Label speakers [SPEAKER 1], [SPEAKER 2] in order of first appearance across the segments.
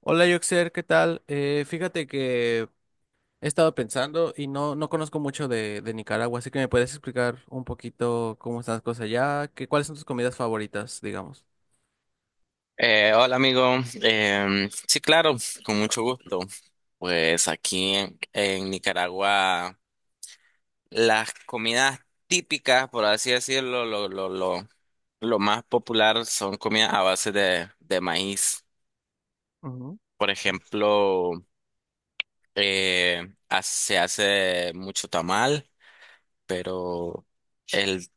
[SPEAKER 1] Hola, Yoxer, ¿qué tal? Fíjate que he estado pensando y no conozco mucho de Nicaragua, así que me puedes explicar un poquito cómo están las cosas allá, que, ¿cuáles son tus comidas favoritas, digamos?
[SPEAKER 2] Hola amigo. Sí claro, con mucho gusto. Pues aquí en Nicaragua las comidas típicas, por así decirlo, lo más popular son comidas a base de maíz.
[SPEAKER 1] Ujú.
[SPEAKER 2] Por
[SPEAKER 1] Oh,
[SPEAKER 2] ejemplo, se hace mucho tamal, pero el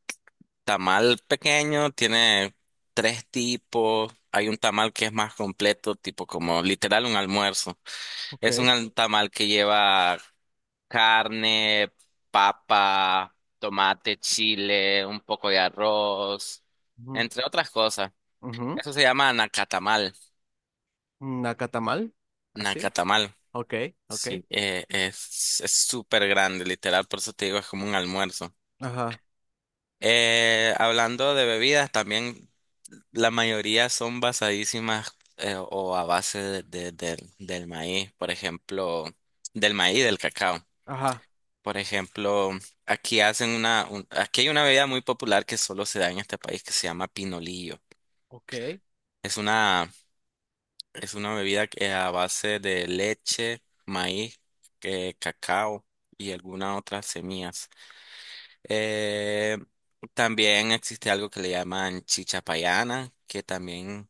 [SPEAKER 2] tamal pequeño tiene tres tipos. Hay un tamal que es más completo, tipo como literal un almuerzo.
[SPEAKER 1] ok.
[SPEAKER 2] Es un tamal que lleva carne, papa, tomate, chile, un poco de arroz,
[SPEAKER 1] Ujú,
[SPEAKER 2] entre otras cosas.
[SPEAKER 1] ujú.
[SPEAKER 2] Eso se llama nacatamal.
[SPEAKER 1] Nacatamal, así.
[SPEAKER 2] Nacatamal.
[SPEAKER 1] Ok, ok.
[SPEAKER 2] Sí, es súper grande, literal, por eso te digo, es como un almuerzo.
[SPEAKER 1] Ajá,
[SPEAKER 2] Hablando de bebidas, también la mayoría son basadísimas o a base del maíz, por ejemplo, del maíz, del cacao.
[SPEAKER 1] ajá,
[SPEAKER 2] Por ejemplo, aquí hay una bebida muy popular que solo se da en este país que se llama pinolillo.
[SPEAKER 1] ok.
[SPEAKER 2] Es una, es una bebida a base de leche, maíz, cacao y algunas otras semillas. Eh, También existe algo que le llaman chichapayana, que también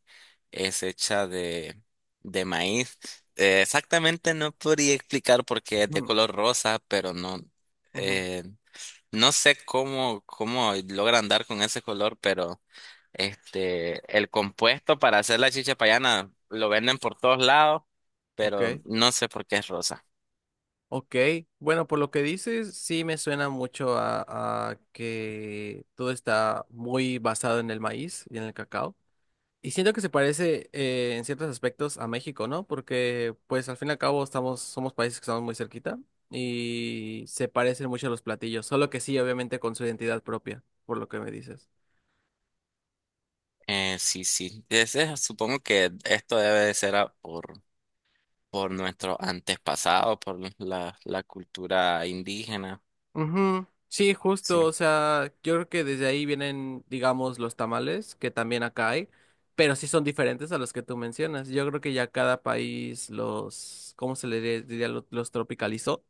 [SPEAKER 2] es hecha de maíz. Exactamente no podría explicar porque es de
[SPEAKER 1] Mm,
[SPEAKER 2] color rosa, pero no.
[SPEAKER 1] ujú,
[SPEAKER 2] eh, No sé cómo logran dar con ese color, pero este, el compuesto para hacer la chicha payana lo venden por todos lados, pero
[SPEAKER 1] ok,
[SPEAKER 2] no sé por qué es rosa.
[SPEAKER 1] ok. Bueno, por lo que dices, sí me suena mucho a que todo está muy basado en el maíz y en el cacao. Y siento que se parece en ciertos aspectos a México, ¿no? Porque, pues, al fin y al cabo estamos, somos países que estamos muy cerquita y se parecen mucho a los platillos, solo que sí, obviamente, con su identidad propia, por lo que me dices.
[SPEAKER 2] Sí. Supongo que esto debe de ser por nuestro antepasado, por la cultura indígena.
[SPEAKER 1] Ujú. Sí,
[SPEAKER 2] Sí.
[SPEAKER 1] justo, o sea, yo creo que desde ahí vienen, digamos, los tamales, que también acá hay, pero sí son diferentes a los que tú mencionas. Yo creo que ya cada país los, ¿cómo se le diría? Los tropicalizó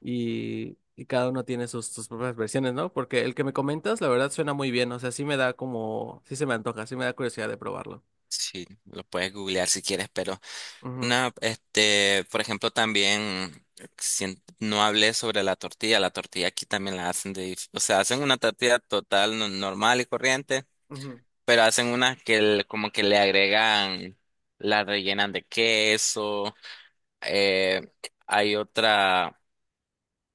[SPEAKER 1] y cada uno tiene sus, sus propias versiones, ¿no? Porque el que me comentas, la verdad, suena muy bien. O sea, sí me da como, sí se me antoja, sí me da curiosidad de probarlo.
[SPEAKER 2] Sí, lo puedes googlear si quieres, pero
[SPEAKER 1] Ujú,
[SPEAKER 2] Este, por ejemplo, también no hablé sobre la tortilla. La tortilla aquí también la hacen de, o sea, hacen una tortilla total no- normal y corriente,
[SPEAKER 1] ujú,
[SPEAKER 2] pero hacen una que como que le agregan, la rellenan de queso. eh, Hay otra,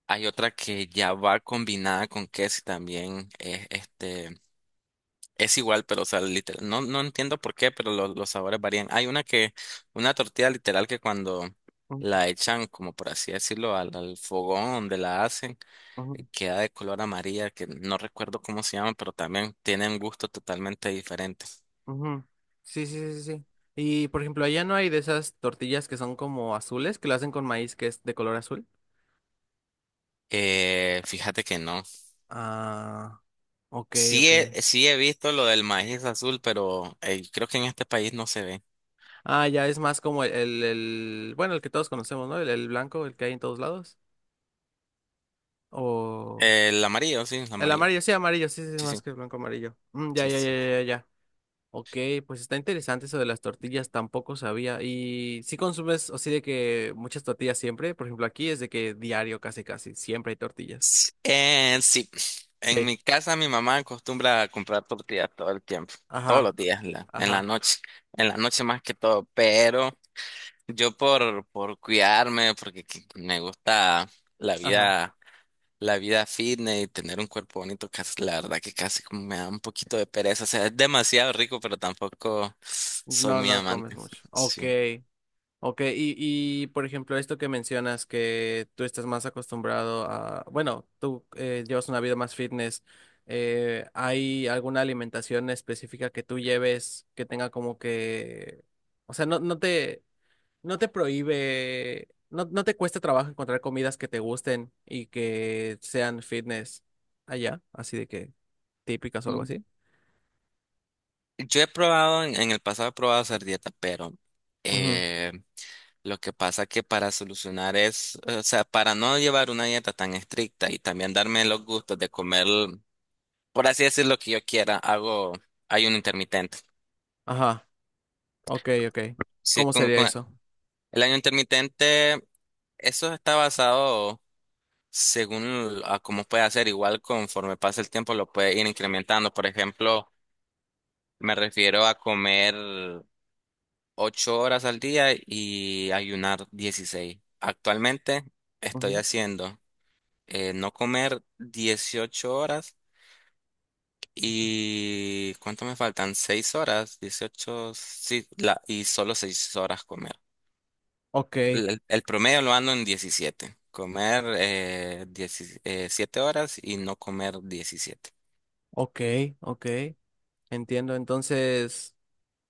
[SPEAKER 2] hay otra que ya va combinada con queso y también es, este. Es igual, pero o sea, literal, no, no entiendo por qué, pero los sabores varían. Hay una que, una tortilla literal que cuando
[SPEAKER 1] ujú,
[SPEAKER 2] la echan, como por así decirlo, al fogón donde la hacen,
[SPEAKER 1] ujú,
[SPEAKER 2] queda de color amarilla, que no recuerdo cómo se llama, pero también tiene un gusto totalmente diferente.
[SPEAKER 1] ujú. Sí, sí, sí, sí. Y por ejemplo, allá no hay de esas tortillas que son como azules, que lo hacen con maíz que es de color azul.
[SPEAKER 2] Fíjate que no.
[SPEAKER 1] Ah, ok, ok.
[SPEAKER 2] Sí he visto lo del maíz azul, pero creo que en este país no se ve.
[SPEAKER 1] Ah, ya es más como el- bueno, el que todos conocemos, ¿no? El blanco, el que hay en todos lados. O
[SPEAKER 2] El
[SPEAKER 1] el
[SPEAKER 2] amarillo.
[SPEAKER 1] amarillo, sí, sí, sí,
[SPEAKER 2] Sí, sí,
[SPEAKER 1] más que el blanco amarillo. Mm, ya,
[SPEAKER 2] sí,
[SPEAKER 1] ya, ya,
[SPEAKER 2] sí.
[SPEAKER 1] ya, ya. Ok, pues está interesante eso de las tortillas, tampoco sabía. ¿Y si consumes así de que muchas tortillas siempre? Por ejemplo, aquí es de que diario casi casi, siempre hay tortillas.
[SPEAKER 2] Sí, en
[SPEAKER 1] Sí.
[SPEAKER 2] mi casa mi mamá acostumbra a comprar tortillas todo el tiempo, todos
[SPEAKER 1] Ajá,
[SPEAKER 2] los días, en
[SPEAKER 1] ajá,
[SPEAKER 2] en la noche más que todo, pero yo por cuidarme, porque me gusta la
[SPEAKER 1] ajá.
[SPEAKER 2] vida, la vida fitness y tener un cuerpo bonito, casi, la verdad que casi como me da un poquito de pereza, o sea, es demasiado rico, pero tampoco soy
[SPEAKER 1] No,
[SPEAKER 2] muy
[SPEAKER 1] no comes
[SPEAKER 2] amante.
[SPEAKER 1] mucho. Ok,
[SPEAKER 2] Sí.
[SPEAKER 1] ok. Y por ejemplo, esto que mencionas, que tú estás más acostumbrado a, bueno, tú llevas una vida más fitness. ¿ ¿Hay alguna alimentación específica que tú lleves que tenga como que, o sea, no te no te prohíbe, no te cuesta trabajo encontrar comidas que te gusten y que sean fitness allá, así de que típicas o algo así?
[SPEAKER 2] Yo he probado, en el pasado he probado hacer dieta, pero
[SPEAKER 1] Ujú,
[SPEAKER 2] eh, lo que pasa que para solucionar es, o sea, para no llevar una dieta tan estricta y también darme los gustos de comer, por así decir, lo que yo quiera, hago ayuno intermitente.
[SPEAKER 1] ajá, ok, ok.
[SPEAKER 2] Sí,
[SPEAKER 1] ¿Cómo sería
[SPEAKER 2] con
[SPEAKER 1] eso?
[SPEAKER 2] el ayuno intermitente, eso está basado según a cómo puede hacer, igual conforme pasa el tiempo lo puede ir incrementando. Por ejemplo, me refiero a comer 8 horas al día y ayunar 16. Actualmente estoy
[SPEAKER 1] Ujú.
[SPEAKER 2] haciendo no comer 18 horas y ¿cuánto me faltan? 6 horas, 18 sí, la, y solo 6 horas comer.
[SPEAKER 1] Ok,
[SPEAKER 2] El promedio lo ando en 17. Comer 17 horas y no comer 17.
[SPEAKER 1] ok, ok. Entiendo. Entonces,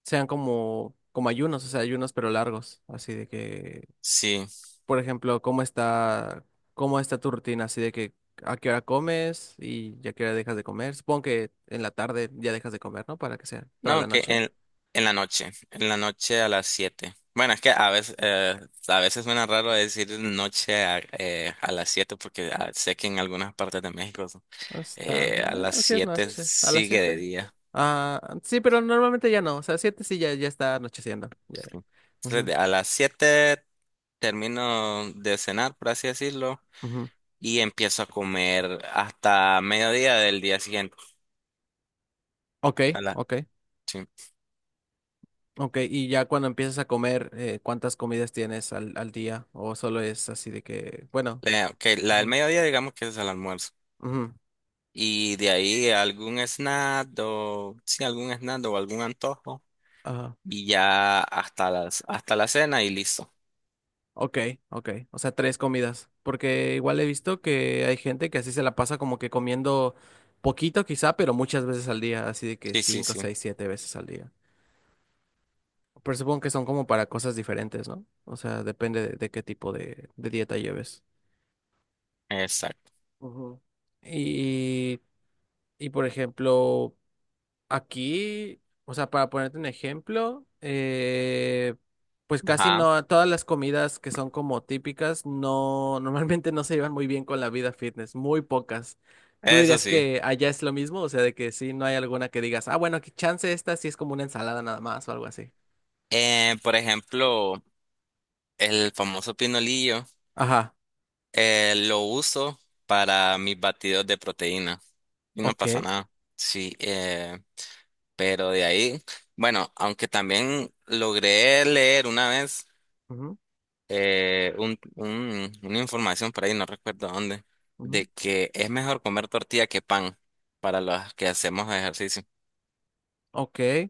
[SPEAKER 1] sean como, como ayunos, o sea, ayunos pero largos, así de que
[SPEAKER 2] Sí.
[SPEAKER 1] por ejemplo, cómo está tu rutina? Así de que a qué hora comes y a qué hora dejas de comer. Supongo que en la tarde ya dejas de comer, ¿no? Para que sea toda
[SPEAKER 2] No,
[SPEAKER 1] la noche.
[SPEAKER 2] en la noche a las siete. Bueno, es que a veces suena raro decir noche a las 7 porque ah, sé que en algunas partes de México
[SPEAKER 1] No. Es tarde.
[SPEAKER 2] a las
[SPEAKER 1] Ah, sí es
[SPEAKER 2] 7
[SPEAKER 1] noche, a las
[SPEAKER 2] sigue de
[SPEAKER 1] 7.
[SPEAKER 2] día.
[SPEAKER 1] Ah, sí, pero normalmente ya no. O sea, 7 sí ya, ya está anocheciendo. Ya.
[SPEAKER 2] Sí. Entonces,
[SPEAKER 1] Ujú,
[SPEAKER 2] a las 7 termino de cenar, por así decirlo,
[SPEAKER 1] ujú.
[SPEAKER 2] y empiezo a comer hasta mediodía del día siguiente.
[SPEAKER 1] Ok,
[SPEAKER 2] A la,
[SPEAKER 1] ok,
[SPEAKER 2] sí.
[SPEAKER 1] ok. Y ya cuando empiezas a comer, ¿cuántas comidas tienes al día? ¿O solo es así de que, bueno?
[SPEAKER 2] Ok, la del
[SPEAKER 1] Ujú,
[SPEAKER 2] mediodía digamos que es el almuerzo.
[SPEAKER 1] ujú,
[SPEAKER 2] Y de ahí algún snack o sí, algún snack o algún antojo.
[SPEAKER 1] ajá.
[SPEAKER 2] Y ya hasta la cena y listo.
[SPEAKER 1] Ok, ok. O sea, tres comidas. Porque igual he visto que hay gente que así se la pasa como que comiendo poquito quizá, pero muchas veces al día, así de que
[SPEAKER 2] Sí, sí,
[SPEAKER 1] cinco,
[SPEAKER 2] sí.
[SPEAKER 1] seis, siete veces al día. Pero supongo que son como para cosas diferentes, ¿no? O sea, depende de qué tipo de dieta lleves.
[SPEAKER 2] Exacto.
[SPEAKER 1] Ujú. Y, y por ejemplo, aquí, o sea, para ponerte un ejemplo, pues casi
[SPEAKER 2] Ajá.
[SPEAKER 1] no, todas las comidas que son como típicas, no, normalmente no se llevan muy bien con la vida fitness, muy pocas. ¿Tú
[SPEAKER 2] Eso
[SPEAKER 1] dirías
[SPEAKER 2] sí.
[SPEAKER 1] que allá es lo mismo? O sea, de que sí, no hay alguna que digas, ah, bueno, que chance esta sí es como una ensalada nada más o algo así.
[SPEAKER 2] Por ejemplo, el famoso pinolillo
[SPEAKER 1] Ajá,
[SPEAKER 2] lo uso para mis batidos de proteína. Y no
[SPEAKER 1] ok.
[SPEAKER 2] pasa nada. Sí, pero de ahí, bueno, aunque también logré leer una vez.
[SPEAKER 1] Ujú,
[SPEAKER 2] Una información por ahí, no recuerdo dónde, de
[SPEAKER 1] ujú,
[SPEAKER 2] que es mejor comer tortilla que pan para los que hacemos ejercicio.
[SPEAKER 1] ok.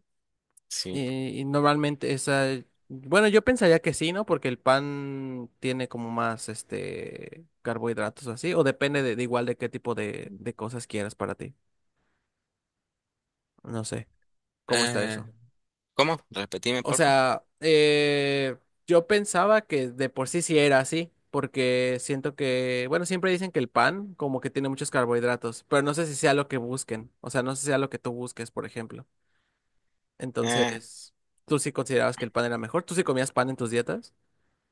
[SPEAKER 2] Sí.
[SPEAKER 1] Y normalmente esa, bueno, yo pensaría que sí, ¿no? Porque el pan tiene como más, este, carbohidratos o así, o depende de igual de qué tipo de cosas quieras para ti. No sé, ¿cómo está
[SPEAKER 2] Eh,
[SPEAKER 1] eso?
[SPEAKER 2] ¿Cómo? Repetime,
[SPEAKER 1] O
[SPEAKER 2] porfa.
[SPEAKER 1] sea, yo pensaba que de por sí sí era así, porque siento que, bueno, siempre dicen que el pan como que tiene muchos carbohidratos, pero no sé si sea lo que busquen, o sea, no sé si sea lo que tú busques, por ejemplo.
[SPEAKER 2] Eh,
[SPEAKER 1] Entonces, ¿tú sí considerabas que el pan era mejor? ¿Tú sí comías pan en tus dietas?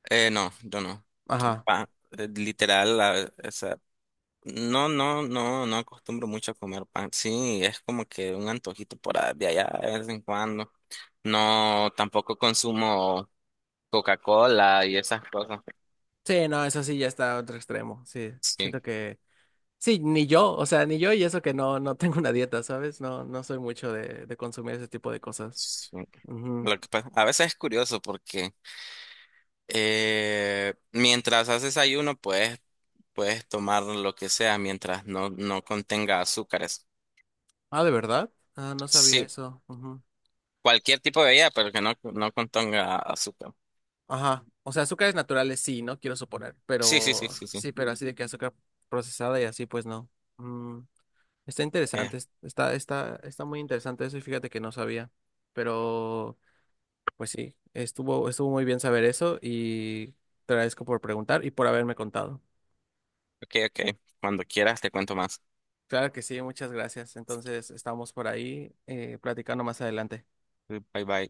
[SPEAKER 2] no, yo no.
[SPEAKER 1] Ajá.
[SPEAKER 2] Pan, literal, o sea, no acostumbro mucho a comer pan. Sí, es como que un antojito de allá de vez en cuando. No, tampoco consumo Coca-Cola y esas cosas.
[SPEAKER 1] Sí, no, eso sí ya está a otro extremo. Sí,
[SPEAKER 2] Sí.
[SPEAKER 1] siento que sí, ni yo, o sea, ni yo y eso que no tengo una dieta, ¿sabes? No soy mucho de consumir ese tipo de cosas.
[SPEAKER 2] Sí.
[SPEAKER 1] Ujú.
[SPEAKER 2] A veces es curioso porque mientras haces ayuno puedes tomar lo que sea mientras no contenga azúcares.
[SPEAKER 1] Ah, ¿de verdad? Ah, no sabía
[SPEAKER 2] Sí,
[SPEAKER 1] eso. Ujú.
[SPEAKER 2] cualquier tipo de bebida, pero que no contenga azúcar.
[SPEAKER 1] Ajá. O sea, azúcares naturales sí, no quiero suponer,
[SPEAKER 2] Sí, sí, sí,
[SPEAKER 1] pero
[SPEAKER 2] sí, sí.
[SPEAKER 1] sí, pero así de que azúcar procesada y así pues no. Mm, está
[SPEAKER 2] Eh,
[SPEAKER 1] interesante, es- está está está muy interesante eso y fíjate que no sabía. Pero pues sí, estuvo, estuvo muy bien saber eso y te agradezco por preguntar y por haberme contado.
[SPEAKER 2] ok, ok. Cuando quieras te cuento más.
[SPEAKER 1] Claro que sí, muchas gracias. Entonces, estamos por ahí platicando más adelante.
[SPEAKER 2] Bye, bye.